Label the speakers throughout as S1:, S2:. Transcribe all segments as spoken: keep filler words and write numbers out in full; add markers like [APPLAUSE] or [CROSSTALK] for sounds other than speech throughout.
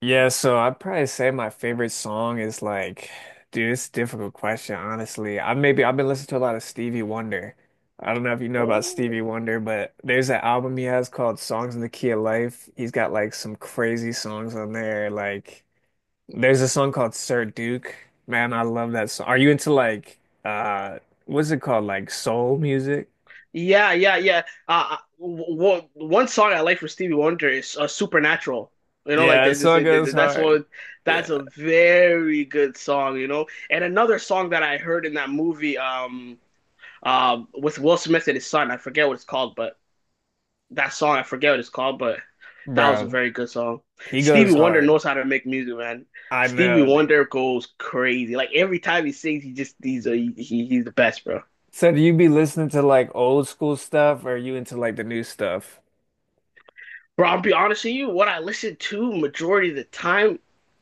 S1: Yeah, so I'd probably say my favorite song is like, dude, it's a difficult question, honestly. I maybe I've been listening to a lot of Stevie Wonder. I don't know if you know about
S2: Oh,
S1: Stevie Wonder, but there's an album he has called Songs in the Key of Life. He's got like some crazy songs on there. Like there's a song called Sir Duke. Man, I love that song. Are you into like uh what's it called? Like soul music?
S2: yeah, yeah, yeah. Uh, well, one song I like for Stevie Wonder is uh, Supernatural. You know, like
S1: Yeah, that
S2: there's this,
S1: song
S2: th-
S1: goes
S2: th- that's
S1: hard.
S2: one,
S1: Yeah.
S2: that's a very good song, you know. And another song that I heard in that movie, um, um, with Will Smith and his son, I forget what it's called, but that song, I forget what it's called, but that was a
S1: Bro,
S2: very good song.
S1: he
S2: Stevie
S1: goes
S2: Wonder
S1: hard.
S2: knows how to make music, man.
S1: I
S2: Stevie
S1: know,
S2: Wonder
S1: dude.
S2: goes crazy. Like every time he sings, he just, he's a, he, he's the best, bro.
S1: So do you be listening to like old school stuff or are you into like the new stuff?
S2: Bro, I'll be honest with you, what I listen to majority of the time,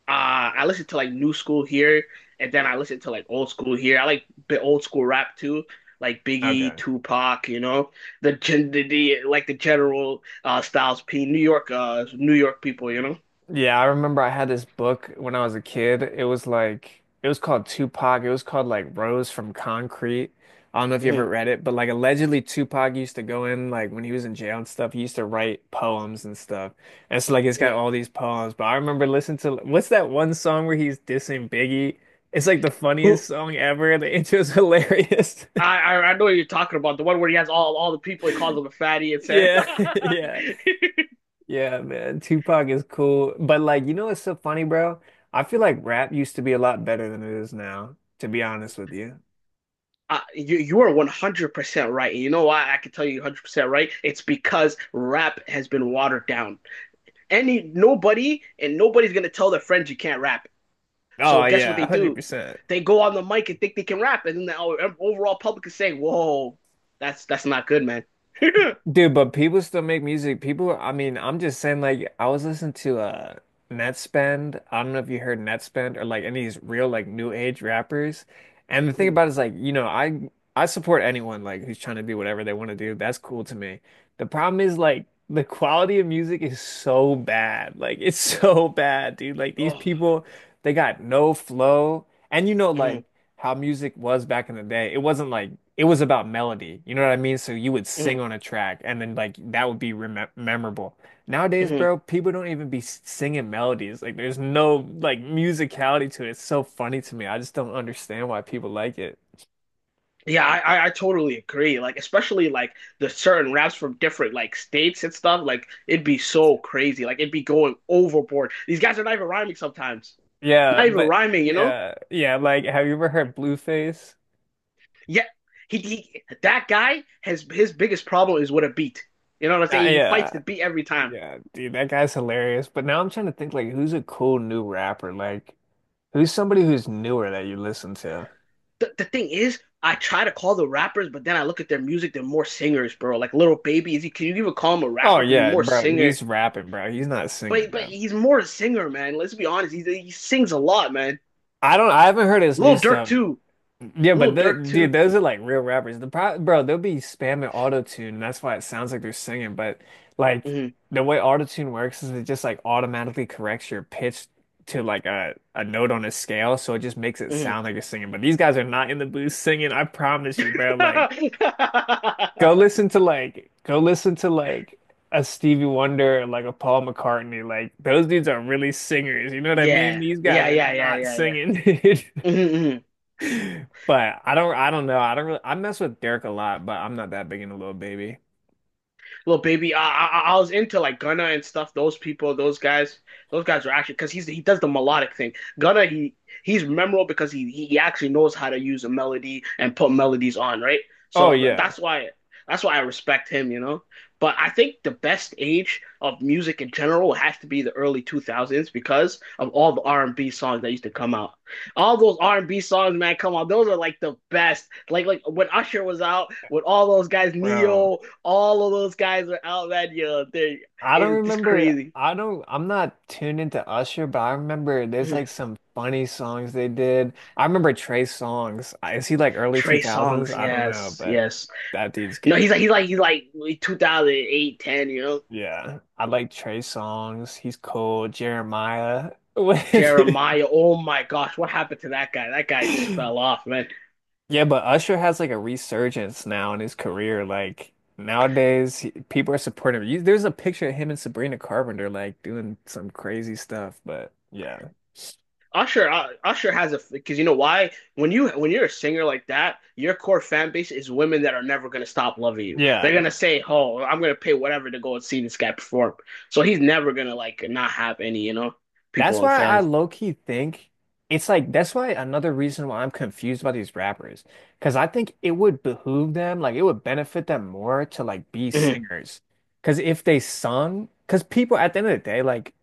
S2: uh, I listen to like new school here, and then I listen to like old school here. I like the old school rap too, like Biggie,
S1: Okay.
S2: Tupac, you know, the gen the, the like the general uh Styles P, New York uh New York people, you know.
S1: Yeah, I remember I had this book when I was a kid. It was like it was called Tupac. It was called like Rose from Concrete. I don't know if you
S2: Hmm.
S1: ever read it, but like allegedly Tupac used to go in like when he was in jail and stuff, he used to write poems and stuff. And so like it's got
S2: Hmm.
S1: all these poems. But I remember listening to what's that one song where he's dissing Biggie? It's like the funniest
S2: Who
S1: song ever. The intro's hilarious. [LAUGHS]
S2: I, I I know what you're talking about, the one where he has all all the people, he calls them a fatty and said.
S1: Yeah, [LAUGHS] yeah.
S2: [LAUGHS]
S1: Yeah, man, Tupac is cool. But like, you know what's so funny, bro? I feel like rap used to be a lot better than it is now, to be honest with you.
S2: Uh, you you are one hundred percent right. And you know why I can tell you one hundred percent right? It's because rap has been watered down. Any Nobody and nobody's going to tell their friends you can't rap. So
S1: Oh
S2: guess what
S1: yeah,
S2: they do?
S1: one hundred percent.
S2: They go on the mic and think they can rap, and then the overall public is saying, "Whoa, that's that's not good, man." [LAUGHS] Oh.
S1: Dude, but people still make music. People, I mean, I'm just saying, like, I was listening to uh Netspend. I don't know if you heard Netspend or like any of these real like new age rappers. And the thing about it is like, you know, I I support anyone like who's trying to do whatever they want to do. That's cool to me. The problem is like the quality of music is so bad. Like it's [LAUGHS] so bad, dude. Like these people, they got no flow. And you know, like
S2: Mhm,
S1: how music was back in the day. It wasn't like it was about melody. You know what I mean? So you would sing
S2: mhm,
S1: on a track and then like that would be remem memorable. Nowadays,
S2: mhm.
S1: bro, people don't even be s- singing melodies. Like there's no like musicality to it. It's so funny to me. I just don't understand why people like it.
S2: Yeah, I, I I totally agree. Like, especially like the certain raps from different like states and stuff. Like, it'd be so crazy. Like, it'd be going overboard. These guys are not even rhyming sometimes.
S1: Yeah,
S2: Not even
S1: but
S2: rhyming, you know?
S1: yeah, yeah, like have you ever heard Blueface?
S2: Yeah, he, he that guy has his biggest problem is with a beat. You know what I'm
S1: Uh,
S2: saying? He fights
S1: yeah.
S2: the beat every time.
S1: Yeah, dude, that guy's hilarious. But now I'm trying to think like who's a cool new rapper? Like who's somebody who's newer that you listen to?
S2: The, the thing is, I try to call the rappers, but then I look at their music. They're more singers, bro. Like Little Baby, is he? Can you even call him a
S1: Oh
S2: rapper? Because he's
S1: yeah,
S2: more
S1: bro.
S2: singer.
S1: He's rapping, bro. He's not singing,
S2: But but
S1: bro.
S2: he's more a singer, man. Let's be honest. He he sings a lot, man.
S1: I don't. I haven't heard his new
S2: Little Dirk
S1: stuff.
S2: too.
S1: Yeah, but
S2: Little
S1: the,
S2: Dirk
S1: dude,
S2: too.
S1: those are like real rappers. The pro, bro, they'll be spamming auto tune, and that's why it sounds like they're singing. But like
S2: Hmm.
S1: the way auto tune works is it just like automatically corrects your pitch to like a a note on a scale, so it just makes it
S2: Hmm.
S1: sound like you're singing. But these guys are not in the booth singing. I promise you, bro. Like.
S2: [LAUGHS]
S1: Go listen to like go listen to like a Stevie Wonder or like a Paul McCartney. Like those dudes are really singers. You know what I mean?
S2: Yeah.
S1: These guys
S2: Yeah,
S1: are
S2: yeah, yeah,
S1: not
S2: yeah, yeah.
S1: singing, dude.
S2: Hmm. Hmm.
S1: [LAUGHS] But I don't I don't know. I don't really I mess with Derek a lot, but I'm not that big into Lil Baby.
S2: Little Baby. I, I, I was into like Gunna and stuff. Those people, those guys, those guys are actually because he's he does the melodic thing. Gunna, he he's memorable because he he actually knows how to use a melody and put melodies on, right?
S1: Oh
S2: So
S1: yeah,
S2: that's why that's why I respect him, you know. But I think the best age of music in general has to be the early two thousands because of all the R and B songs that used to come out. All those R and B songs, man, come on, those are like the best. Like like when Usher was out with all those guys,
S1: bro.
S2: Neo, all of those guys are out that yo.
S1: I don't
S2: It's
S1: remember
S2: crazy.
S1: I don't I'm not tuned into Usher, but I remember there's like
S2: [LAUGHS]
S1: some funny songs they did. I remember Trey Songz. Is he like early
S2: Trey
S1: two thousands?
S2: Songs,
S1: I don't know,
S2: yes,
S1: but
S2: yes.
S1: that dude's
S2: No, he's
S1: good.
S2: like he's like he's like like two thousand eight, ten. you know.
S1: Yeah, I like Trey Songz. He's cool. Jeremiah. [LAUGHS]
S2: Jeremiah, oh my gosh, what happened to that guy? That guy just fell off, man.
S1: Yeah, but Usher has like a resurgence now in his career. Like nowadays, he- people are supporting him. You, there's a picture of him and Sabrina Carpenter like doing some crazy stuff. But yeah,
S2: Usher, uh, Usher has a because you know why when you when you're a singer like that, your core fan base is women that are never gonna stop loving you. They're
S1: yeah.
S2: gonna say, "Oh, I'm gonna pay whatever to go and see this guy perform." So he's never gonna like not have any, you know, people
S1: That's
S2: and
S1: why I
S2: fans.
S1: low key think it's like that's why another reason why I'm confused about these rappers. Cause I think it would behoove them, like it would benefit them more to like be
S2: Mhm,
S1: singers. Cause if they sung, cause people at the end of the day, like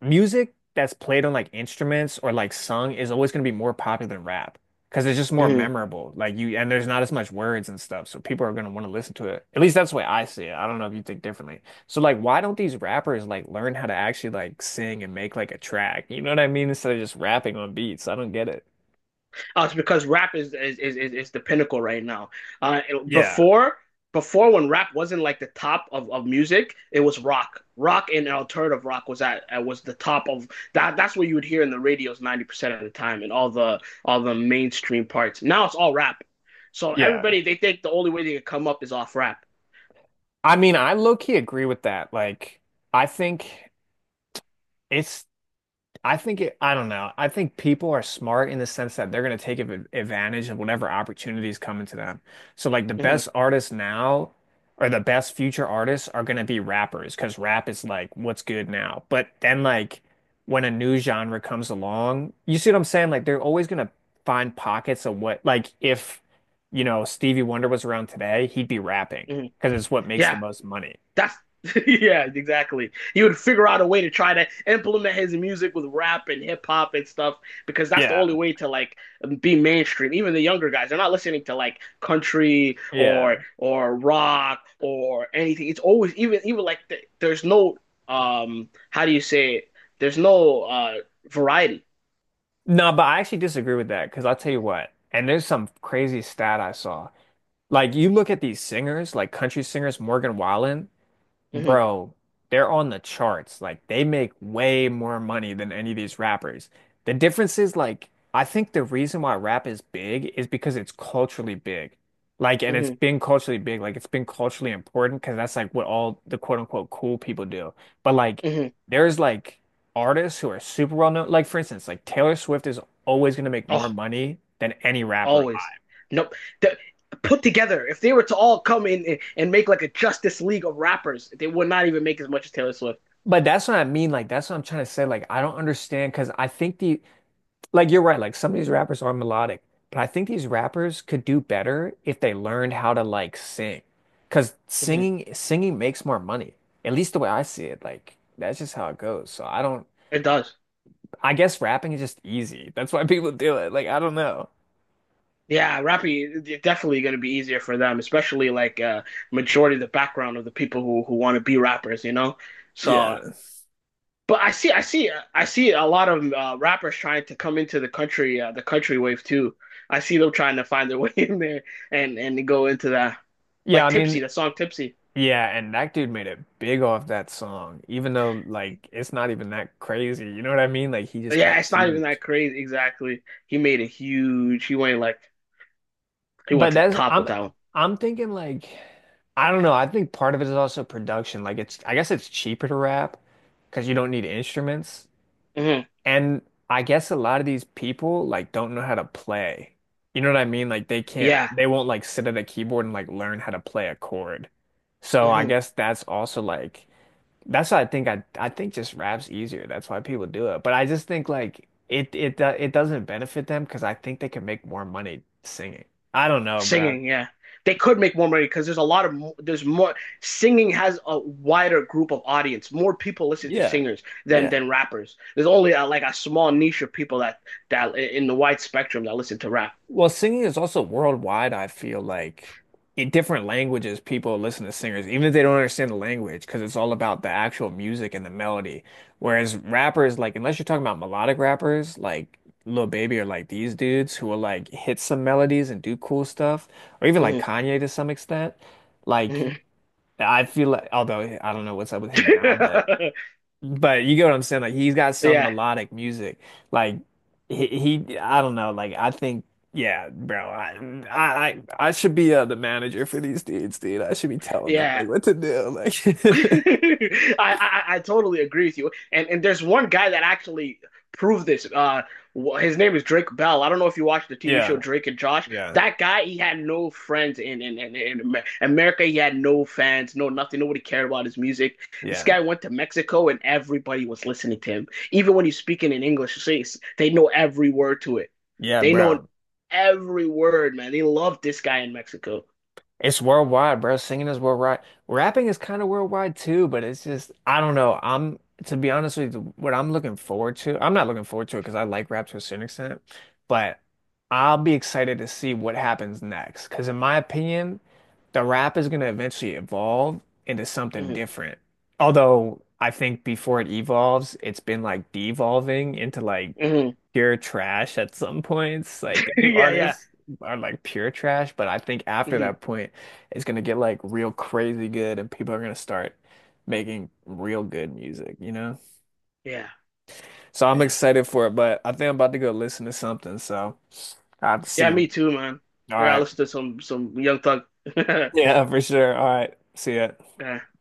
S1: music that's played on like instruments or like sung is always going to be more popular than rap because it's just more
S2: mhm.
S1: memorable. Like you, and there's not as much words and stuff, so people are going to want to listen to it. At least that's the way I see it. I don't know if you think differently. So like, why don't these rappers like learn how to actually like sing and make like a track? You know what I mean? Instead of just rapping on beats. I don't get it.
S2: Uh, it's because rap is is, is is the pinnacle right now. Uh,
S1: Yeah.
S2: before before when rap wasn't like the top of, of music, it was rock. Rock and alternative rock was at uh, was the top of that. That's what you would hear in the radios ninety percent of the time, and all the all the mainstream parts. Now it's all rap. So
S1: Yeah.
S2: everybody they think the only way they can come up is off rap.
S1: I mean, I low key agree with that. Like, I think. It's I think it, I don't know. I think people are smart in the sense that they're going to take av- advantage of whatever opportunities come to them. So, like, the
S2: Hmm.
S1: best artists now or the best future artists are going to be rappers because rap is like what's good now. But then, like, when a new genre comes along, you see what I'm saying? Like, they're always going to find pockets of what, like, if, you know, Stevie Wonder was around today, he'd be rapping
S2: Hmm.
S1: because it's what makes the
S2: Yeah.
S1: most money.
S2: That's [LAUGHS] Yeah, exactly. He would figure out a way to try to implement his music with rap and hip hop and stuff because that's the only
S1: Yeah.
S2: way to like be mainstream. Even the younger guys, they're not listening to like country or
S1: Yeah.
S2: or rock or anything. It's always. Even even like th There's no um how do you say it? There's no uh variety.
S1: No, but I actually disagree with that because I'll tell you what, and there's some crazy stat I saw. Like you look at these singers, like country singers, Morgan Wallen,
S2: Hmm.
S1: bro, they're on the charts. Like they make way more money than any of these rappers. The difference is like I think the reason why rap is big is because it's culturally big. Like and it's
S2: Hmm.
S1: been culturally big, like it's been culturally important because that's like what all the quote unquote cool people do. But like
S2: Hmm.
S1: there's like artists who are super well known. Like for instance, like Taylor Swift is always gonna make more
S2: Oh.
S1: money than any rapper. Alive.
S2: Always. Nope. The, Put together, if they were to all come in and- make like a Justice League of rappers, they would not even make as much as Taylor Swift.
S1: But that's what I mean. Like, that's what I'm trying to say. Like, I don't understand because I think the like you're right, like some of these rappers are melodic, but I think these rappers could do better if they learned how to like sing, because
S2: Mhm.
S1: singing singing makes more money. At least the way I see it, like that's just how it goes. So I don't
S2: It does.
S1: I guess rapping is just easy. That's why [LAUGHS] people do it. Like I don't know.
S2: Yeah, rapping is definitely going to be easier for them, especially like uh majority of the background of the people who who want to be rappers, you know?
S1: Yeah.
S2: So, but I see, I see, I see a lot of uh, rappers trying to come into the country, uh, the country wave too. I see them trying to find their [LAUGHS] way in there and and go into that,
S1: Yeah,
S2: like
S1: I
S2: Tipsy,
S1: mean,
S2: the song Tipsy.
S1: yeah, and that dude made it big off that song, even though like it's not even that crazy. You know what I mean? Like he just
S2: Yeah,
S1: got
S2: it's not even
S1: huge.
S2: that crazy. Exactly. He made a huge. He went like he went
S1: But
S2: to the
S1: that's
S2: top with
S1: I'm
S2: that one.
S1: I'm thinking like I don't know. I think part of it is also production. Like it's I guess it's cheaper to rap because you don't need instruments.
S2: Hmm.
S1: And I guess a lot of these people like don't know how to play. You know what I mean? Like they can't
S2: Yeah.
S1: they won't like sit at a keyboard and like learn how to play a chord. So I
S2: Hmm.
S1: guess that's also like that's why I think I I think just rap's easier. That's why people do it. But I just think like it it do- it doesn't benefit them because I think they can make more money singing. I don't know, bro.
S2: Singing. Yeah. They could make more money because there's a lot of mo- there's more singing has a wider group of audience. More people listen to
S1: Yeah.
S2: singers than
S1: Yeah.
S2: than rappers. There's only uh like a small niche of people that that in the wide spectrum that listen to rap.
S1: Well, singing is also worldwide, I feel like in different languages, people listen to singers, even if they don't understand the language, because it's all about the actual music and the melody. Whereas rappers, like, unless you're talking about melodic rappers, like Lil Baby or like these dudes who will like hit some melodies and do cool stuff, or even like
S2: Hmm.
S1: Kanye to some extent, like,
S2: Hmm.
S1: I feel like, although I don't know what's up with him now, but.
S2: [LAUGHS]
S1: But you get what I'm saying? Like he's got some
S2: Yeah.
S1: melodic music. Like he, he I don't know. Like I think, yeah, bro. I, I, I I should be uh, the manager for these dudes, dude. I should be telling them
S2: Yeah.
S1: like what to do.
S2: [LAUGHS]
S1: Like, [LAUGHS]
S2: I, I I totally agree with you. And and there's one guy that actually proved this. Uh, his name is Drake Bell. I don't know if you watched the T V show
S1: yeah,
S2: Drake and Josh.
S1: yeah,
S2: That guy, he had no friends in in in, in America. He had no fans, no nothing. Nobody cared about his music. This
S1: yeah,
S2: guy went to Mexico, and everybody was listening to him. Even when he's speaking in English, they they know every word to it.
S1: yeah,
S2: They know
S1: bro.
S2: every word, man. They love this guy in Mexico.
S1: It's worldwide, bro. Singing is worldwide. Rapping is kind of worldwide too, but it's just I don't know. I'm To be honest with you, what I'm looking forward to. I'm not looking forward to it because I like rap to a certain extent, but I'll be excited to see what happens next. Because in my opinion, the rap is going to eventually evolve into something
S2: Hmm.
S1: different. Although I think before it evolves, it's been like devolving into like
S2: Hmm.
S1: pure trash at some points. Like the
S2: [LAUGHS]
S1: new
S2: Yeah, yeah.
S1: artists are like pure trash, but I think after
S2: Hmm.
S1: that point, it's gonna get like real crazy good, and people are gonna start making real good music, you know?
S2: Yeah.
S1: So I'm
S2: Yeah.
S1: excited for it, but I think I'm about to go listen to something. So I have to see
S2: Yeah,
S1: you.
S2: me too, man.
S1: All
S2: I gotta
S1: right.
S2: listen to some some Young Thug. [LAUGHS] All
S1: Yeah, for sure. All right. See ya.
S2: right.